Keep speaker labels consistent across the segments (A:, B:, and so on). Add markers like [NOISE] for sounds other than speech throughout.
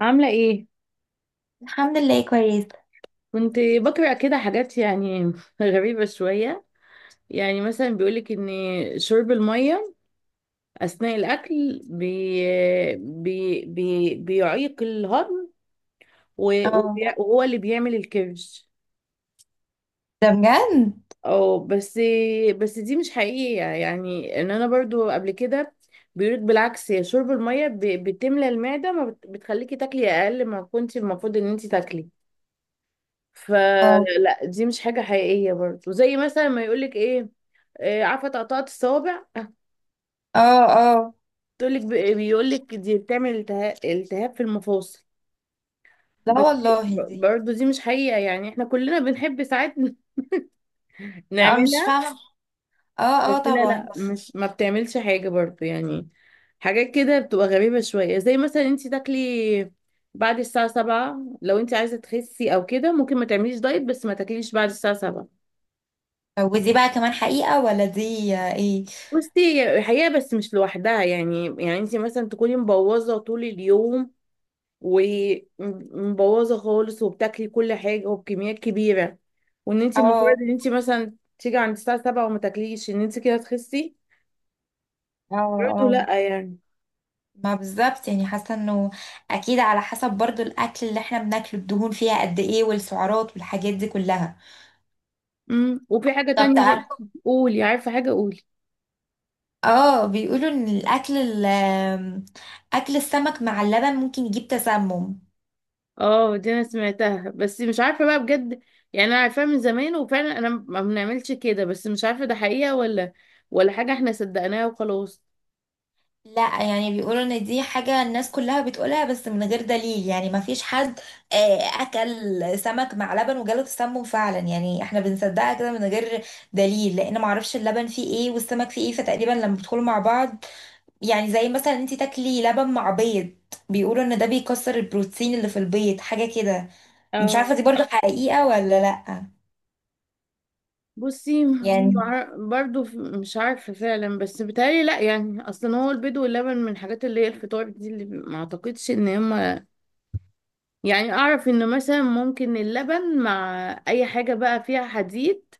A: عاملة ايه؟
B: الحمد لله كويس.
A: كنت بقرأ كده حاجات يعني [LAUGHS] غريبة شوية. يعني مثلا بيقولك ان شرب المية اثناء الاكل بي بي بي بيعيق الهضم
B: اه.
A: وهو اللي بيعمل الكرش.
B: ده بجد.
A: او بس بس دي مش حقيقية، يعني ان انا برضو قبل كده بيقولك بالعكس، يا شرب المية بتملى المعدة، ما بت- بتخليكي تاكلي اقل ما كنت المفروض ان انت تاكلي.
B: اه،
A: فلا، دي مش حاجة حقيقية، برضو زي مثلا ما يقولك ايه، عارفه تقطعة الصوابع،
B: اه، اه.
A: هتقولك بيقولك دي بتعمل التهاب في المفاصل.
B: لا
A: بس
B: والله دي.
A: برضه دي مش حقيقة، يعني احنا كلنا بنحب ساعات [LAUGHS]
B: لا انا مش
A: نعملها،
B: فاهمه. اه،
A: بس
B: اه،
A: لا
B: طبعا.
A: لا، مش ما بتعملش حاجة برضه يعني. حاجات كده بتبقى غريبة شوية، زي مثلا انت تاكلي بعد الساعة سبعة، لو انت عايزة تخسي او كده ممكن ما تعمليش دايت بس ما تاكليش بعد الساعة سبعة.
B: ودي بقى كمان حقيقه ولا دي ايه؟
A: بصي، هي حقيقة بس مش لوحدها، يعني انت مثلا تكوني مبوظة طول اليوم ومبوظه خالص وبتاكلي كل حاجه وبكميات كبيره، وان انت
B: اه،
A: مجرد ان انت مثلا تيجي عند الساعه 7 وما تاكليش ان انت كده تخسي،
B: اه،
A: برضه
B: اه.
A: لا يعني.
B: ما بالظبط، يعني حاسه انه اكيد على حسب برضو الاكل اللي احنا بناكله، الدهون فيها قد ايه والسعرات والحاجات دي كلها.
A: وفي حاجه
B: طب
A: تانية
B: تعرف؟
A: برضه. قولي، عارفه حاجه، قولي.
B: اه، بيقولوا ان اكل السمك مع اللبن ممكن يجيب تسمم.
A: اه دي انا سمعتها بس مش عارفه بقى بجد، يعني انا عارفاها من زمان وفعلا انا ما بنعملش كده، بس مش عارفه ده حقيقه ولا ولا حاجه احنا صدقناها وخلاص.
B: لا يعني بيقولوا ان دي حاجة الناس كلها بتقولها بس من غير دليل، يعني ما فيش حد اكل سمك مع لبن وجاله تسمم فعلا. يعني احنا بنصدقها كده من غير دليل، لان ما اعرفش اللبن فيه ايه والسمك فيه ايه، فتقريبا لما بيدخلوا مع بعض. يعني زي مثلا انت تاكلي لبن مع بيض، بيقولوا ان ده بيكسر البروتين اللي في البيض، حاجة كده. مش
A: اه،
B: عارفة دي برضو حقيقة ولا لا.
A: بصي،
B: يعني
A: مش عارفة فعلا، بس بتهيألي لأ، يعني أصلا هو البيض واللبن من الحاجات اللي هي الفطار دي اللي ما أعتقدش إن هما، يعني أعرف إن مثلا ممكن اللبن مع أي حاجة بقى فيها حديد،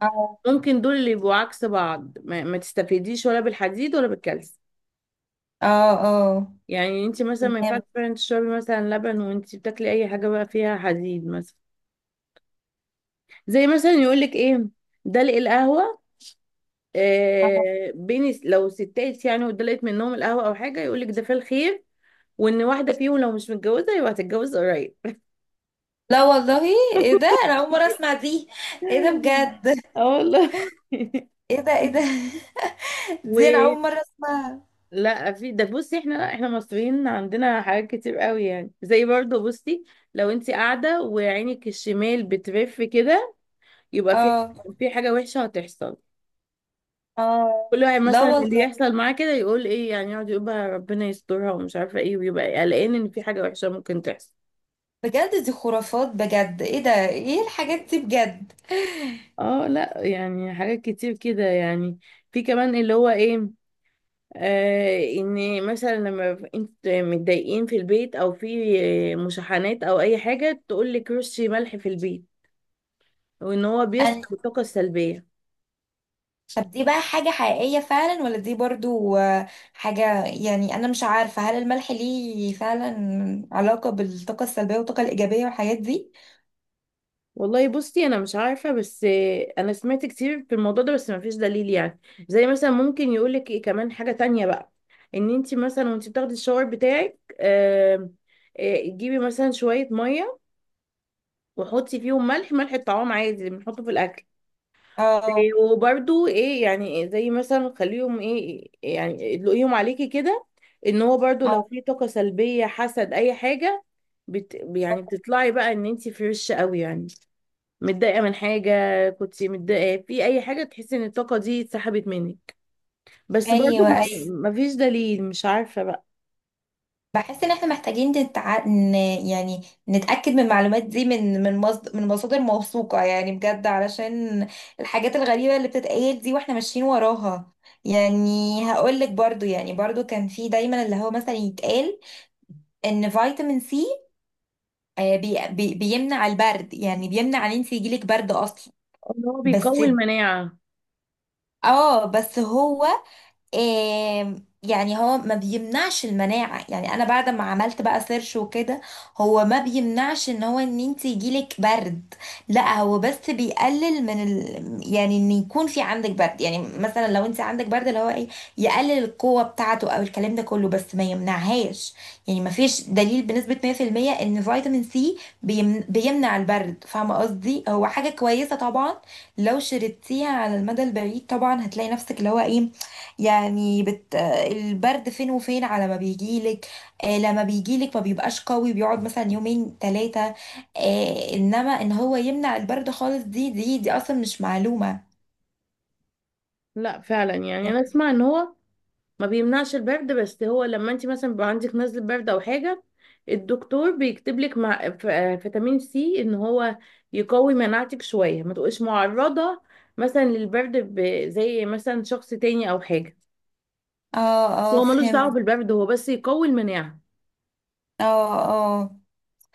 B: اه،
A: ممكن دول اللي يبقوا عكس بعض، ما تستفيديش ولا بالحديد ولا بالكالسيوم.
B: اه، اه،
A: يعني انت مثلا ما ينفعش
B: تمام.
A: فعلا تشربي مثلا لبن وانت بتاكلي أي حاجة بقى فيها حديد مثلا. زي مثلا يقولك إيه، دلق القهوة،
B: آه.
A: بين لو ستات يعني ودلقت منهم القهوة أو حاجة يقولك ده في الخير، وإن واحدة فيهم لو مش متجوزة يبقى هتتجوز قريب.
B: لا والله، ايه ده؟ انا اول مرة
A: [LAUGHS]
B: اسمع دي. ايه ده بجد؟
A: اه والله. [LAUGHS]
B: ايه ده؟ ايه ده؟ [LAUGHS]
A: و
B: دي انا اول مرة اسمعها.
A: لا في ده، بصي احنا مصريين، عندنا حاجات كتير قوي، يعني زي برضو بصي، لو انت قاعده وعينك الشمال بترف كده، يبقى في
B: اه،
A: في حاجه وحشه هتحصل.
B: اه.
A: كل واحد
B: لا
A: مثلا اللي
B: والله،
A: يحصل معاه كده يقول ايه، يعني يقعد يقول بقى ربنا يسترها ومش عارفه ايه، ويبقى قلقان ان في حاجه وحشه ممكن تحصل.
B: بجد دي خرافات، بجد. ايه ده؟ ايه الحاجات دي بجد؟
A: اه لا، يعني حاجات كتير كده يعني. في كمان اللي هو ايه، آه، ان مثلا انت متضايقين في البيت او في مشاحنات او اي حاجه تقول لك رشي ملح في البيت، وان هو
B: أنا...
A: بيسحب الطاقه السلبيه.
B: طب دي بقى حاجة حقيقية فعلا ولا دي برضو حاجة؟ يعني انا مش عارفة هل الملح ليه فعلا علاقة بالطاقة السلبية والطاقة الإيجابية والحاجات دي.
A: والله بصي، انا مش عارفه، بس انا سمعت كتير في الموضوع ده بس ما فيش دليل يعني. زي مثلا ممكن يقول لك ايه كمان حاجه تانية بقى، ان انت مثلا وانت بتاخدي الشاور بتاعك تجيبي مثلا شويه ميه وحطي فيهم ملح، ملح الطعام عادي اللي بنحطه في الاكل،
B: اه،
A: وبرده ايه يعني، زي مثلا خليهم ايه يعني ادلقيهم عليكي كده، ان هو برده لو
B: اه.
A: في طاقة سلبية حسد اي حاجة، يعني
B: آه.
A: بتطلعي بقى ان انت فريش قوي يعني. متضايقة من حاجة، كنت متضايقة في اي حاجة، تحسي ان الطاقة دي اتسحبت منك. بس برضو
B: ايوه، ايوه،
A: مفيش دليل، مش عارفة بقى.
B: بحس ان احنا محتاجين يعني نتأكد من المعلومات دي من مصادر موثوقة، يعني بجد، علشان الحاجات الغريبة اللي بتتقال دي واحنا ماشيين وراها. يعني هقولك برضو، يعني برضو كان في دايما اللي هو مثلا يتقال ان فيتامين سي بيمنع البرد، يعني بيمنع ان انت يجيلك برد اصلا.
A: ان هو
B: بس،
A: بيقوي المناعة.
B: اه بس هو، آم، يعني هو ما بيمنعش المناعة. يعني انا بعد ما عملت بقى سيرش وكده، هو ما بيمنعش ان هو ان انت يجيلك برد. لا هو بس بيقلل يعني ان يكون في عندك برد، يعني مثلا لو انت عندك برد اللي هو ايه يقلل القوة بتاعته او الكلام ده كله، بس ما يمنعهاش. يعني ما فيش دليل بنسبة 100% ان فيتامين سي بيمنع البرد، فاهمة قصدي؟ هو حاجة كويسة طبعا لو شربتيها على المدى البعيد، طبعا هتلاقي نفسك اللي هو ايه، يعني بت... البرد فين وفين على ما بيجيلك. آه لما بيجيلك ما بيبقاش قوي، بيقعد مثلا يومين ثلاثة. آه انما ان هو يمنع البرد خالص، دي اصلا مش معلومة.
A: لا فعلا، يعني
B: يعني
A: انا اسمع ان هو ما بيمنعش البرد، بس هو لما انت مثلا بيبقى عندك نزله برد او حاجه الدكتور بيكتب لك مع فيتامين سي ان هو يقوي مناعتك شويه ما تبقيش معرضه مثلا للبرد، زي مثلا شخص تاني او حاجه.
B: اه،
A: بس
B: اه
A: هو ملوش دعوه
B: فهمت.
A: بالبرد، هو بس يقوي المناعه.
B: اه، اه.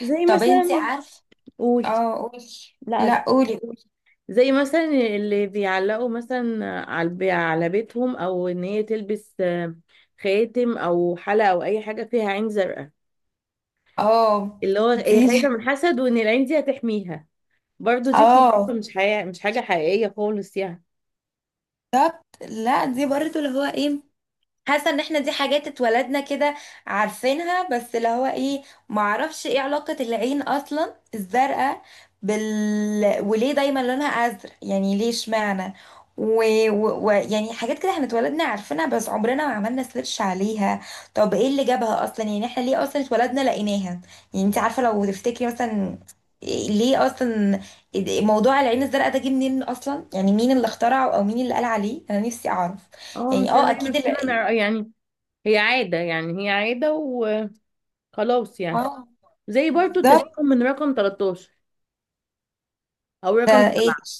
A: زي
B: طب انت
A: مثلا،
B: عارف؟
A: قولي.
B: اه قولي.
A: لا أسف.
B: لا قولي، قولي.
A: زي مثلا اللي بيعلقوا مثلا على بيتهم او ان هي تلبس خاتم او حلقه او اي حاجه فيها عين زرقاء،
B: اه
A: اللي هو هي
B: دي.
A: خايفة من الحسد وان العين دي هتحميها.
B: [LAUGHS]
A: برضو دي خرافة،
B: اه
A: مش حقيقة، مش حاجة حقيقية خالص يعني.
B: بالظبط، لا دي برضه اللي هو ايه، حاسه ان احنا دي حاجات اتولدنا كده عارفينها، بس اللي هو ايه معرفش ايه علاقه العين اصلا الزرقاء بال، وليه دايما لونها ازرق؟ يعني ليه؟ اشمعنى؟ ويعني يعني حاجات كده احنا اتولدنا عارفينها بس عمرنا ما عملنا سيرش عليها. طب ايه اللي جابها اصلا؟ يعني احنا ليه اصلا اتولدنا لقيناها؟ يعني انت عارفه لو تفتكري مثلا ليه اصلا موضوع العين الزرقاء ده جه منين اصلا؟ يعني مين اللي اخترعه او مين اللي قال عليه؟ انا نفسي اعرف.
A: اه، مش
B: يعني اه
A: هنلاقي
B: اكيد.
A: نفسنا يعني هي عادة، يعني هي عادة وخلاص يعني.
B: اه
A: زي برضو
B: بالظبط.
A: التشاؤم من رقم 13 او
B: ده
A: رقم
B: ايه؟
A: 7.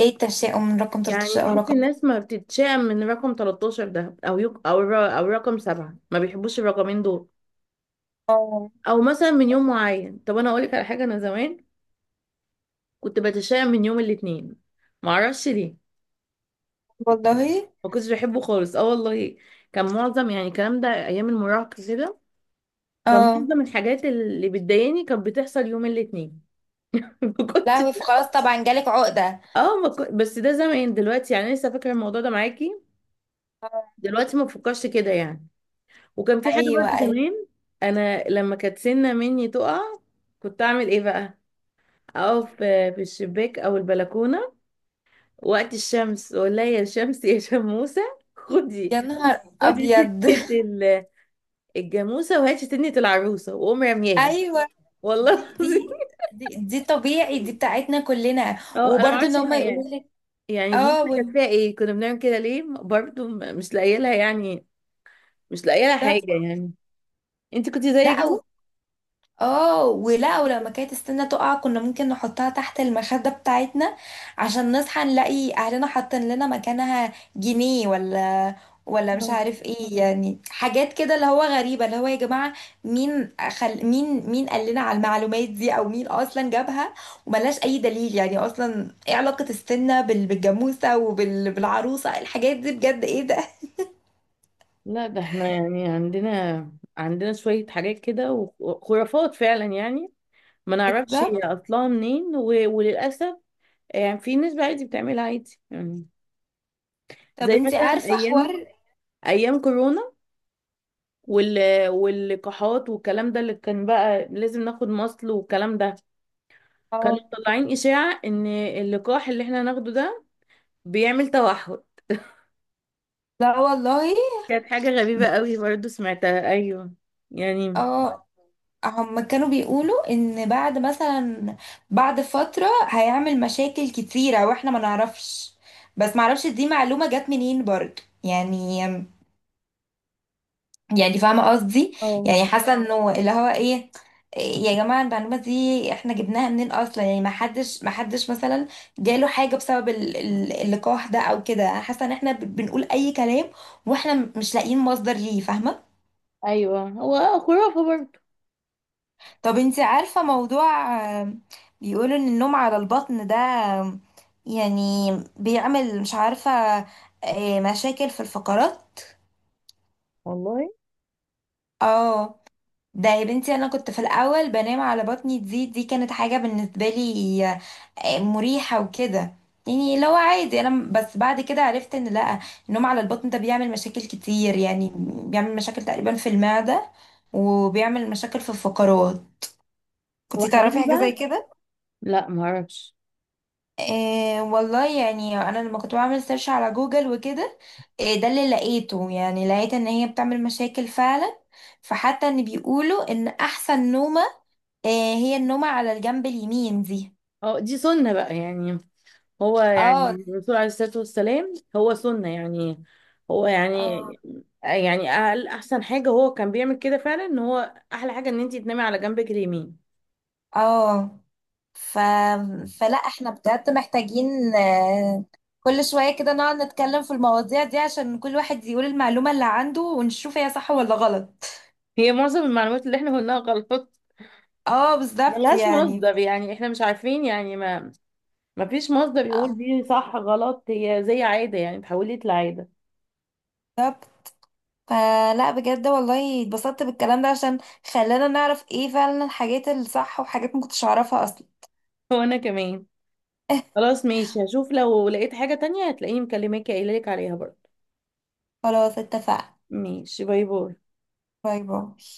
B: ايه التشاؤم من رقم
A: يعني
B: 13 او
A: تحس
B: رقم؟
A: الناس ما بتتشائم من رقم 13 ده او يق... او الر... او رقم 7، ما بيحبوش الرقمين دول،
B: اه
A: او مثلا من يوم معين. طب انا اقول لك على حاجة، انا زمان كنت بتشائم من يوم الاثنين، معرفش ليه،
B: والله.
A: ما كنتش بحبه خالص، اه والله. كان معظم يعني الكلام ده ايام المراهقه كده، كان
B: اه
A: معظم الحاجات اللي بتضايقني كانت بتحصل يوم الاثنين. [LAUGHS] ما
B: لا،
A: كنت،
B: هو خلاص طبعا جالك عقدة.
A: اه ما كنت، بس ده زمان، دلوقتي يعني لسه فاكره الموضوع ده معاكي،
B: اه،
A: دلوقتي ما بفكرش كده يعني. وكان في حاجه
B: ايوه،
A: برضه
B: ايوه.
A: زمان، انا لما كانت سنه مني تقع كنت اعمل ايه بقى، اقف
B: مم.
A: في الشباك او البلكونه وقت الشمس واقول لها: يا شمس يا شموسه، خدي
B: يا نهار
A: خدي
B: ابيض.
A: سنه الجاموسه، وهي شتنت العروسه وقوم
B: [LAUGHS]
A: رمياها،
B: ايوه.
A: والله
B: دي
A: العظيم.
B: دي دي طبيعي، دي بتاعتنا كلنا.
A: اه انا ما
B: وبرضه ان
A: عملتش
B: هم
A: احنا
B: يقولوا
A: يعني،
B: لك
A: يعني دماغنا
B: اه
A: كانت فيها ايه، كنا بنعمل كده ليه برضو، مش لاقيه لها يعني، مش لاقيه لها حاجه
B: بالظبط.
A: يعني. انت كنت زي كده؟
B: لا اه. ولا ولما كانت السنة تقع كنا ممكن نحطها تحت المخدة بتاعتنا عشان نصحى نلاقي اهلنا حاطين لنا مكانها جنيه، ولا ولا مش
A: آه.
B: عارف ايه. يعني حاجات كده اللي هو غريبة، اللي هو يا جماعة مين قال لنا على المعلومات دي او مين اصلا جابها؟ وملهاش اي دليل، يعني اصلا ايه علاقة السنة بالجاموسة بالعروسة؟ إيه الحاجات دي بجد؟ ايه ده؟
A: لا، ده احنا يعني عندنا شويه حاجات كده وخرافات فعلا يعني، ما نعرفش هي
B: بالظبط.
A: اصلها منين و... وللاسف يعني في ناس عادي بتعملها عادي يعني.
B: طب
A: زي
B: انتي
A: مثلا
B: عارفة
A: ايام
B: حوار؟
A: ايام كورونا وال... واللقاحات والكلام ده اللي كان بقى لازم ناخد مصل والكلام ده، كانوا
B: اه.
A: مطلعين إشاعة إن اللقاح اللي احنا ناخده ده بيعمل توحد.
B: لا والله.
A: كانت حاجة غريبة قوي برضو سمعتها، أيوه يعني.
B: اه. هم كانوا بيقولوا ان بعد مثلا بعد فترة هيعمل مشاكل كتيرة واحنا ما نعرفش، بس ما اعرفش دي معلومة جت منين برضو. يعني يعني فاهمة قصدي؟
A: اه
B: يعني حاسة انه اللي هو ايه، إيه يا جماعة المعلومة دي احنا جبناها منين اصلا؟ يعني ما حدش مثلا جاله حاجة بسبب اللقاح ده او كده. حاسة ان احنا بنقول اي كلام واحنا مش لاقيين مصدر ليه، فاهمة؟
A: ايوه، هو خرافة برضه.
B: طب انتي عارفة موضوع آم، بيقولوا ان النوم على البطن ده يعني بيعمل، مش عارفة، مشاكل في الفقرات.
A: والله
B: اه ده يا بنتي انا كنت في الاول بنام على بطني، دي كانت حاجة بالنسبة لي مريحة وكده. يعني لو عادي انا بس بعد كده عرفت ان لا، النوم على البطن ده بيعمل مشاكل كتير، يعني بيعمل مشاكل تقريبا في المعدة وبيعمل مشاكل في الفقرات.
A: هو
B: كنتي تعرفي
A: حقيقي
B: حاجة زي
A: بقى؟
B: كده؟
A: لا معرفش.
B: إيه والله. يعني انا لما كنت بعمل سيرش على جوجل وكده، إيه ده اللي لقيته؟ يعني لقيت ان هي بتعمل مشاكل فعلا. فحتى ان بيقولوا ان احسن نومة إيه، هي النومة على الجنب اليمين دي.
A: اه دي سنة بقى يعني، هو
B: اه
A: يعني الرسول عليه الصلاة والسلام هو سنة يعني، هو يعني
B: اه
A: يعني أقل أحسن حاجة هو كان بيعمل كده فعلا، إن هو أحلى حاجة إن أنتي تنامي على جنبك اليمين.
B: اه ف... فلا احنا بجد محتاجين كل شوية كده نقعد نتكلم في المواضيع دي عشان كل واحد يقول المعلومة اللي عنده ونشوف هي صح ولا غلط.
A: هي معظم المعلومات اللي إحنا قلناها غلط،
B: اه بالظبط،
A: ملهاش
B: يعني
A: مصدر يعني، إحنا مش عارفين يعني، ما فيش مصدر يقول
B: آه،
A: دي صح غلط، هي زي عادة يعني اتحولت لعادة.
B: بالظبط. فلا بجد والله اتبسطت بالكلام ده عشان خلانا نعرف ايه فعلا الحاجات الصح وحاجات ما كنتش اعرفها اصلا.
A: [LAUGHS] وأنا كمان. خلاص ماشي، هشوف لو لقيت حاجة تانية هتلاقيني مكلماكي قايلة لك عليها برضه.
B: خلاص اتفقنا.
A: ماشي، باي باي.
B: باي باي.